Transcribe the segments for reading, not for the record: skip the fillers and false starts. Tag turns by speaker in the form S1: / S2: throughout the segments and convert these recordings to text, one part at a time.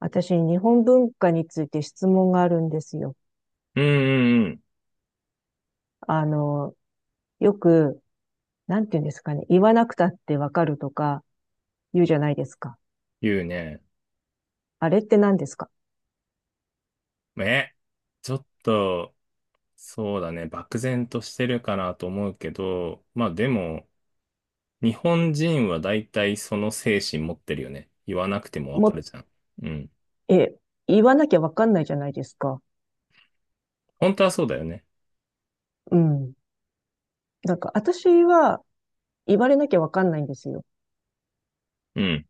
S1: 私、日本文化について質問があるんですよ。
S2: うんうんうん。
S1: あの、よく、なんて言うんですかね。言わなくたってわかるとか言うじゃないですか。
S2: 言うね。
S1: あれって何ですか？
S2: え、ちょっと、そうだね。漠然としてるかなと思うけど、まあでも、日本人は大体その精神持ってるよね。言わなくてもわかる
S1: も、
S2: じゃん。うん。
S1: え、言わなきゃわかんないじゃないですか。
S2: 本当はそうだよね。
S1: うん。私は言われなきゃわかんないんですよ。
S2: うん。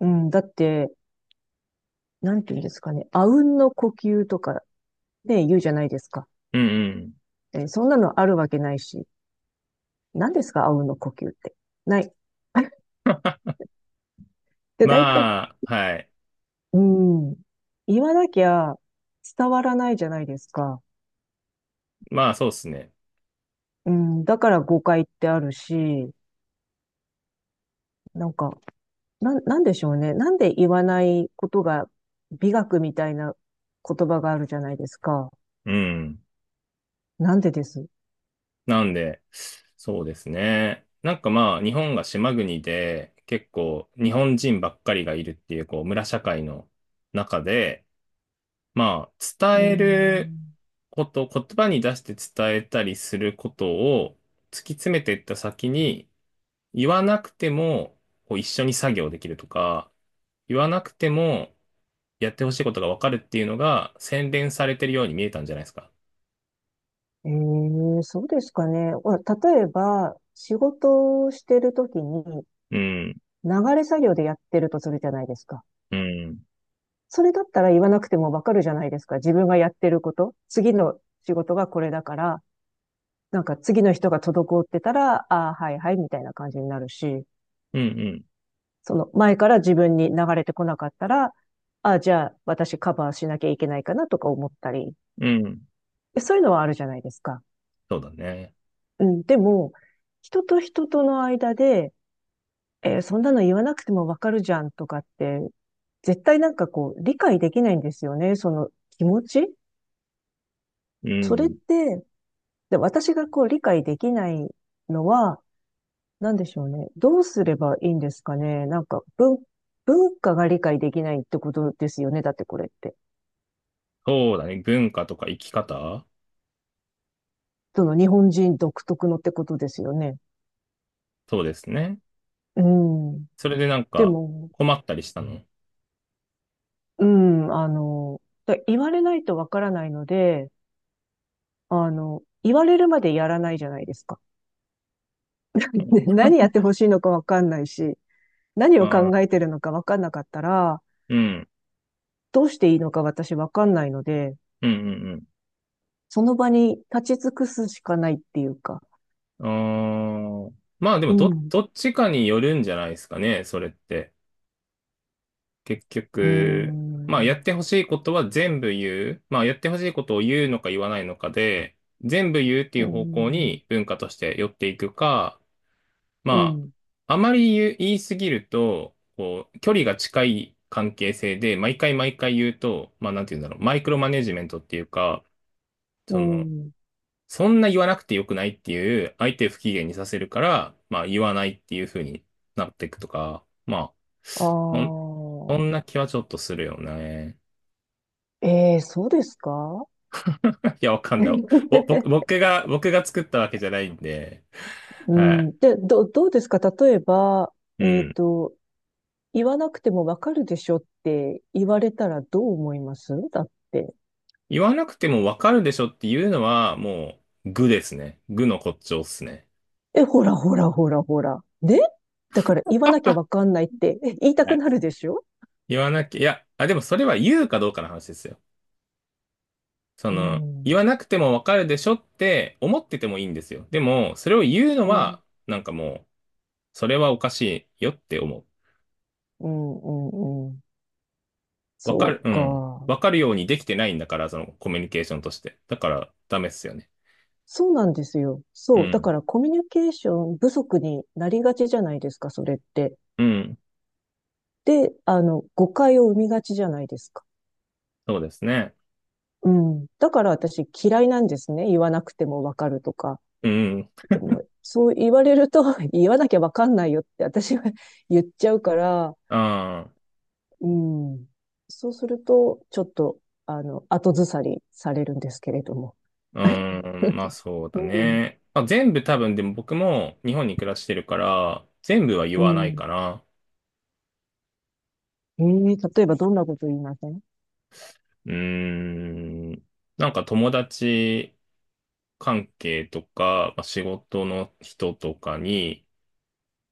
S1: うん。だって、なんて言うんですかね。あうんの呼吸とかね、言うじゃないですか。
S2: うんうん。
S1: え、そんなのあるわけないし。何ですかあうんの呼吸って。ない。で、大体
S2: まあ、はい。
S1: うん。言わなきゃ伝わらないじゃないですか。
S2: まあそうですね。
S1: うん。だから誤解ってあるし、なんか、なんでしょうね。なんで言わないことが美学みたいな言葉があるじゃないですか。
S2: うん。
S1: なんでです。
S2: なんで、そうですね。なんかまあ、日本が島国で、結構日本人ばっかりがいるっていう、こう、村社会の中で、まあ、
S1: う
S2: 伝える
S1: ん。
S2: こと、言葉に出して伝えたりすることを突き詰めていった先に、言わなくてもこう一緒に作業できるとか、言わなくてもやってほしいことがわかるっていうのが洗練されてるように見えたんじゃないですか。
S1: ええ、そうですかね。ほら例えば、仕事をしてるときに
S2: うん、
S1: 流れ作業でやってるとするじゃないですか。
S2: うん、
S1: それだったら言わなくてもわかるじゃないですか。自分がやってること。次の仕事がこれだから、なんか次の人が滞ってたら、ああ、はいはい、みたいな感じになるし、
S2: うん、
S1: その前から自分に流れてこなかったら、ああ、じゃあ私カバーしなきゃいけないかなとか思ったり、
S2: うん、うん。
S1: そういうのはあるじゃないですか。
S2: そうだね。
S1: うん、でも、人と人との間で、えーそんなの言わなくてもわかるじゃんとかって、絶対なんかこう、理解できないんですよね、その気持ち。
S2: う
S1: それっ
S2: ん。
S1: て、で私がこう理解できないのは、なんでしょうね。どうすればいいんですかね。文化が理解できないってことですよね。だってこれって。
S2: そうだね。文化とか生き方
S1: その日本人独特のってことですよね。
S2: そうですね。
S1: うん。
S2: それでなん
S1: で
S2: か
S1: も、
S2: 困ったりしたの。
S1: うん、だ言われないとわからないので、言われるまでやらないじゃないですか。
S2: う ん、
S1: ね何やってほしいのかわかんないし、何
S2: う
S1: を考
S2: ん、
S1: えてるのかわかんなかったら、
S2: うん、
S1: どうしていいのか私わかんないので、
S2: うん。うん。
S1: その場に立ち尽くすしかないっていうか。
S2: まあでも
S1: うん。
S2: どっちかによるんじゃないですかね、それって。結
S1: うー
S2: 局、まあやっ
S1: ん、
S2: てほしいことは全部言う。まあやってほしいことを言うのか言わないのかで、全部言うってい
S1: う
S2: う
S1: ー
S2: 方向
S1: ん、
S2: に文化として寄っていくか、
S1: う
S2: ま
S1: ん、
S2: あ、あまり言う、言いすぎると、こう、距離が近い関係性で、毎回毎回言うと、まあなんて言うんだろう、マイクロマネジメントっていうか、
S1: う
S2: その、
S1: ん。
S2: そんな言わなくてよくないっていう、相手を不機嫌にさせるから、まあ言わないっていう風になっていくとか、まあ、そん、
S1: あ
S2: そんな気はちょっとするよね。
S1: あ、ええそうですか？
S2: いや、わかんない。ぼ僕 僕が、僕が作ったわけじゃないんで、
S1: う
S2: はい。
S1: ん、で、どうですか例えば、
S2: う
S1: えっ
S2: ん。
S1: と、言わなくてもわかるでしょって言われたらどう思いますだって。
S2: 言わなくてもわかるでしょっていうのは、もう、愚ですね。愚の骨頂っすね。
S1: え、ほらほらほらほら。ねだから言わなきゃわかんないってえ言いた
S2: は
S1: く
S2: い。
S1: なるでしょ？
S2: 言わなきゃ、いや、あ、でもそれは言うかどうかの話ですよ。そ
S1: う
S2: の、言
S1: ん、
S2: わなくてもわかるでしょって思っててもいいんですよ。でも、それを言うの
S1: うん、うん、
S2: は、なんかもう、それはおかしいよって思う。
S1: うん、うん。
S2: わか
S1: そ
S2: る、
S1: う
S2: うん。
S1: か。
S2: わかるようにできてないんだから、そのコミュニケーションとして。だから、ダメっすよね。
S1: そうなんですよ。
S2: う
S1: そう。だ
S2: ん。
S1: からコミュニケーション不足になりがちじゃないですか、それって。
S2: うん。
S1: で、誤解を生みがちじゃないですか。
S2: そうですね。
S1: うん。だから私嫌いなんですね。言わなくてもわかるとか。
S2: うん。
S1: でもそう言われると 言わなきゃわかんないよって私は 言っちゃうから、
S2: ああ。
S1: うん。そうすると、ちょっと、後ずさりされるんですけれども。
S2: うん。まあ、そうだ
S1: うん。
S2: ね。まあ、全部多分、でも僕も日本に暮らしてるから、全部は言
S1: う
S2: わない
S1: ん。
S2: かな。
S1: ええ例えばどんなこと言いません？
S2: うーん。なんか友達、関係とか、まあ、仕事の人とかに、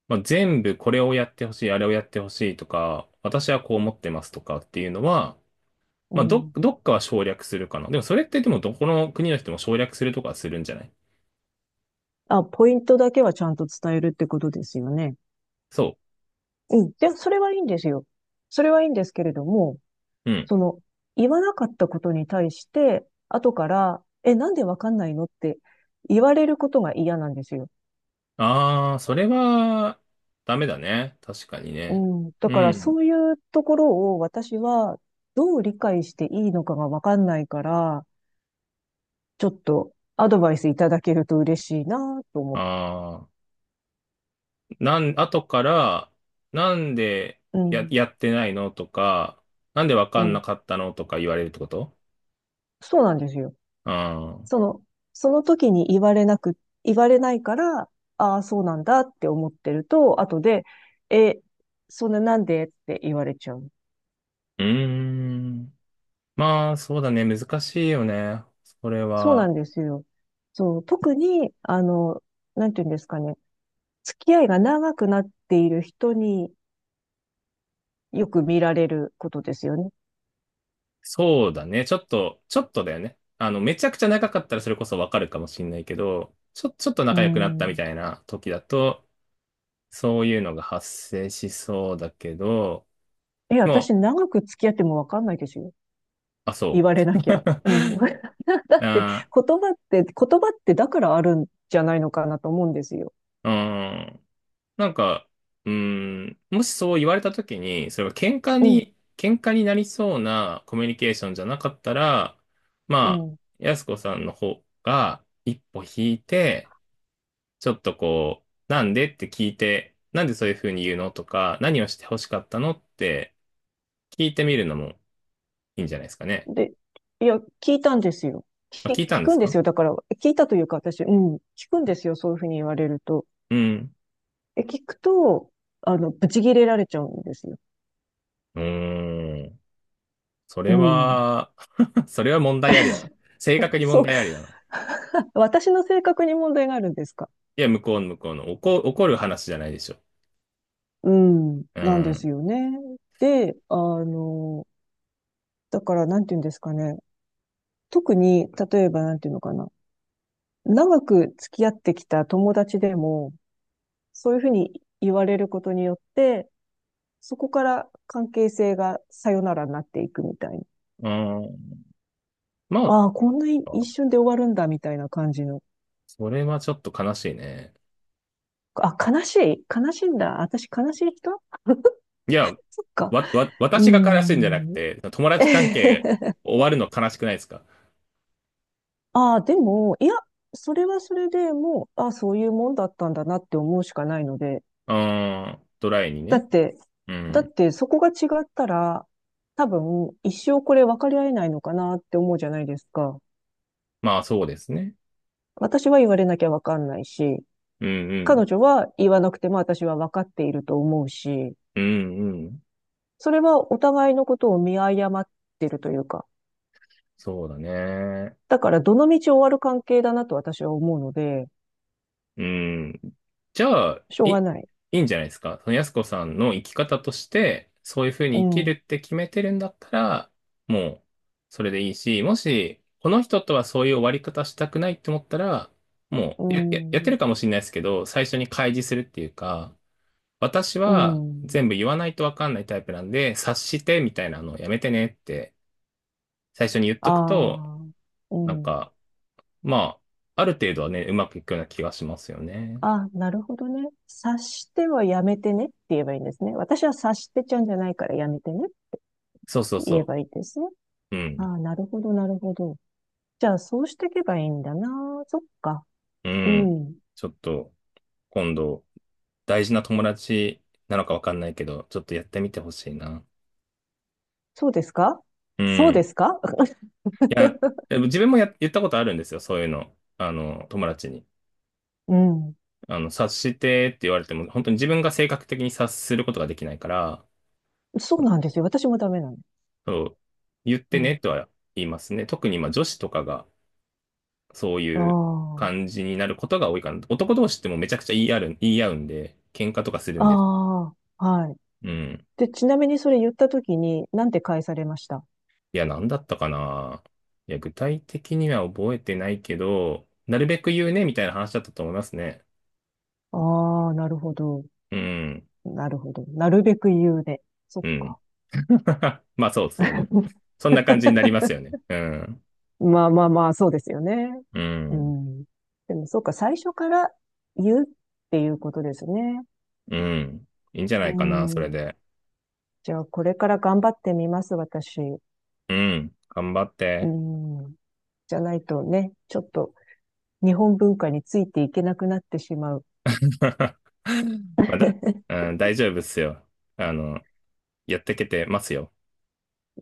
S2: まあ、全部これをやってほしい、あれをやってほしいとか、私はこう思ってますとかっていうのは、
S1: う
S2: まあ、
S1: ん。
S2: どっかは省略するかな。でもそれってでもどこの国の人も省略するとかはするんじゃない。
S1: あ、ポイントだけはちゃんと伝えるってことですよね。
S2: そ
S1: うん。で、それはいいんですよ。それはいいんですけれども、
S2: う。うん。
S1: その、言わなかったことに対して、後から、え、なんでわかんないのって言われることが嫌なんですよ。
S2: ああ、それはダメだね。確かに
S1: う
S2: ね。
S1: ん。だ
S2: う
S1: から、
S2: ん。
S1: そういうところを私は、どう理解していいのかがわかんないから、ちょっとアドバイスいただけると嬉しいなと思って。
S2: ああ、後から、なんで
S1: うん。
S2: やってないのとか、なんでわか
S1: う
S2: んな
S1: ん。
S2: かったのとか言われるってこと。
S1: そうなんですよ。
S2: うん。
S1: その、その時に言われなく、言われないから、ああ、そうなんだって思ってると、後で、え、そんななんでって言われちゃう。
S2: うーん。まあ、そうだね。難しいよね。それ
S1: そうな
S2: は。
S1: んですよ。そう、特に、なんていうんですかね、付き合いが長くなっている人によく見られることですよね。
S2: そうだね。ちょっと、ちょっとだよね。あの、めちゃくちゃ長かったらそれこそわかるかもしんないけど、ちょっと
S1: う
S2: 仲良くなったみ
S1: ん。
S2: たいな時だと、そういうのが発生しそうだけど、
S1: え、
S2: でも
S1: 私
S2: う、
S1: 長く付き合ってもわかんないですよ。
S2: あ、
S1: 言
S2: そ
S1: われなきゃ。うん。だ
S2: う。
S1: って言
S2: あ
S1: 葉って、言葉ってだからあるんじゃないのかなと思うんですよ。
S2: ー、うん。なんか、うーん、もしそう言われた時に、それが
S1: うん。
S2: 喧嘩になりそうなコミュニケーションじゃなかったら、
S1: う
S2: まあ、
S1: ん。
S2: やすこさんの方が一歩引いて、ちょっとこう、なんでって聞いて、なんでそういうふうに言うのとか、何をして欲しかったのって聞いてみるのもいいんじゃないですかね。
S1: で、いや、聞いたんですよ。
S2: まあ、聞いた
S1: 聞
S2: んで
S1: く
S2: す
S1: んで
S2: か。
S1: すよ。だから、聞いたというか、私、うん、聞くんですよ。そういうふうに言われると。
S2: うん。
S1: え、聞くと、ブチ切れられちゃうんですよ。
S2: うーん。そ
S1: う
S2: れ
S1: ん。
S2: は、 それは問題ありだね。正確に問
S1: そう。
S2: 題ありだな。
S1: 私の性格に問題があるんですか？
S2: いや、向こうの。怒る話じゃないでしょ。
S1: うん。
S2: う
S1: なんです
S2: ん。
S1: よね。で、だから、なんて言うんですかね。特に、例えば、なんて言うのかな。長く付き合ってきた友達でも、そういうふうに言われることによって、そこから関係性がさよならになっていくみたいな。
S2: うん。まあ、
S1: ああ、こんな一瞬で終わるんだみたいな感じの。
S2: それはちょっと悲しいね。
S1: あ、悲しい悲しいんだ。私悲しい人？
S2: いや、
S1: そっか。う
S2: 私が悲しいんじゃなく
S1: ーん。
S2: て、友達関係 終わるの悲しくないですか。
S1: ああ、でも、いや、それはそれでもう、ああ、そういうもんだったんだなって思うしかないので。
S2: うん。ドライに
S1: だ
S2: ね。
S1: って、
S2: う
S1: だっ
S2: ん。
S1: てそこが違ったら、多分、一生これ分かり合えないのかなって思うじゃないですか。
S2: まあ、そうですね。
S1: 私は言われなきゃ分かんないし、
S2: うんうん。
S1: 彼女は言わなくても私は分かっていると思うし、
S2: うんうん。
S1: それはお互いのことを見誤ってるというか、
S2: そうだね。
S1: だからどの道終わる関係だなと私は思うので、
S2: うん。じゃあ、
S1: しょうが
S2: い
S1: ない。
S2: いんじゃないですか。その安子さんの生き方として、そういうふう
S1: う
S2: に生きる
S1: ん、
S2: って決めてるんだったら、もう、それでいいし、もし、この人とはそういう終わり方したくないって思ったら、も
S1: う
S2: うや、ややって
S1: ん、
S2: るかもしれないですけど、最初に開示するっていうか、私
S1: う
S2: は
S1: ん、
S2: 全部言わないとわかんないタイプなんで、察してみたいなのをやめてねって、最初に言っ
S1: あ
S2: とくと、
S1: あ、う
S2: なん
S1: ん。
S2: か、まあ、ある程度はね、うまくいくような気がしますよね。
S1: あ、なるほどね。察してはやめてねって言えばいいんですね。私は察してちゃうんじゃないからやめてねって
S2: そうそう
S1: 言え
S2: そ
S1: ばいいですね。
S2: う。う
S1: あ
S2: ん。
S1: あ、なるほど、なるほど。じゃあ、そうしていけばいいんだな。そっか。
S2: う
S1: う
S2: ん。
S1: ん。
S2: ちょっと、今度、大事な友達なのかわかんないけど、ちょっとやってみてほしいな。
S1: そうですか？
S2: う
S1: そうで
S2: ん。
S1: すか？
S2: いや、でも自分もや、言ったことあるんですよ、そういうの。あの、友達に。
S1: うん。
S2: あの、察してって言われても、本当に自分が性格的に察することができないから、
S1: そうなんですよ。私もダメなの。
S2: そう、言っ
S1: う
S2: てね
S1: ん。
S2: とは言いますね。特に、まあ、女子とかが、そういう
S1: あ
S2: 感じになることが多いかな。男同士ってもうめちゃくちゃ言い合うんで、喧嘩とかする
S1: あ。
S2: んで。
S1: ああ。はい。
S2: うん。
S1: で、ちなみにそれ言ったときに、なんて返されました？
S2: いや、なんだったかな。いや、具体的には覚えてないけど、なるべく言うね、みたいな話だったと思いますね。
S1: ああ、なるほど。
S2: うん。
S1: なるほど。なるべく言うで。そっ
S2: うん。
S1: か。
S2: まあ、そうですよね。そんな感じになり ますよね。うん。
S1: まあまあまあ、そうですよね。
S2: う
S1: う
S2: ん。
S1: ん。でも、そうか、最初から言うっていうことですね。
S2: うん。いいんじゃな
S1: う
S2: いかな、それ
S1: ん。
S2: で。
S1: じゃあ、これから頑張ってみます、私。
S2: うん。頑張っ
S1: う
S2: て。
S1: ん。じゃないとね、ちょっと日本文化についていけなくなってしまう。
S2: まだ、うん、大丈夫っすよ。あの、やってけてますよ。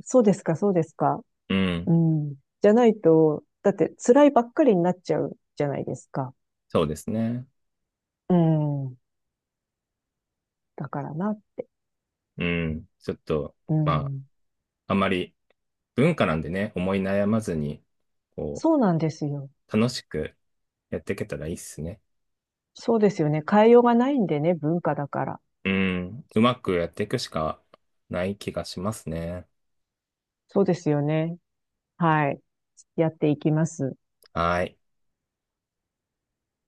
S1: そうですか、そうですか。
S2: うん。
S1: うん。じゃないと、だって辛いばっかりになっちゃうじゃないですか。
S2: そうですね。
S1: うん。だからなって。
S2: うん。ちょっと、
S1: う
S2: まあ、
S1: ん。
S2: あまり文化なんでね、思い悩まずに、こ
S1: そう
S2: う、
S1: なんですよ。
S2: 楽しくやっていけたらいいっすね。
S1: そうですよね。変えようがないんでね、文化だから。
S2: うん。うまくやっていくしかない気がしますね。
S1: そうですよね。はい。やっていきます。
S2: はい。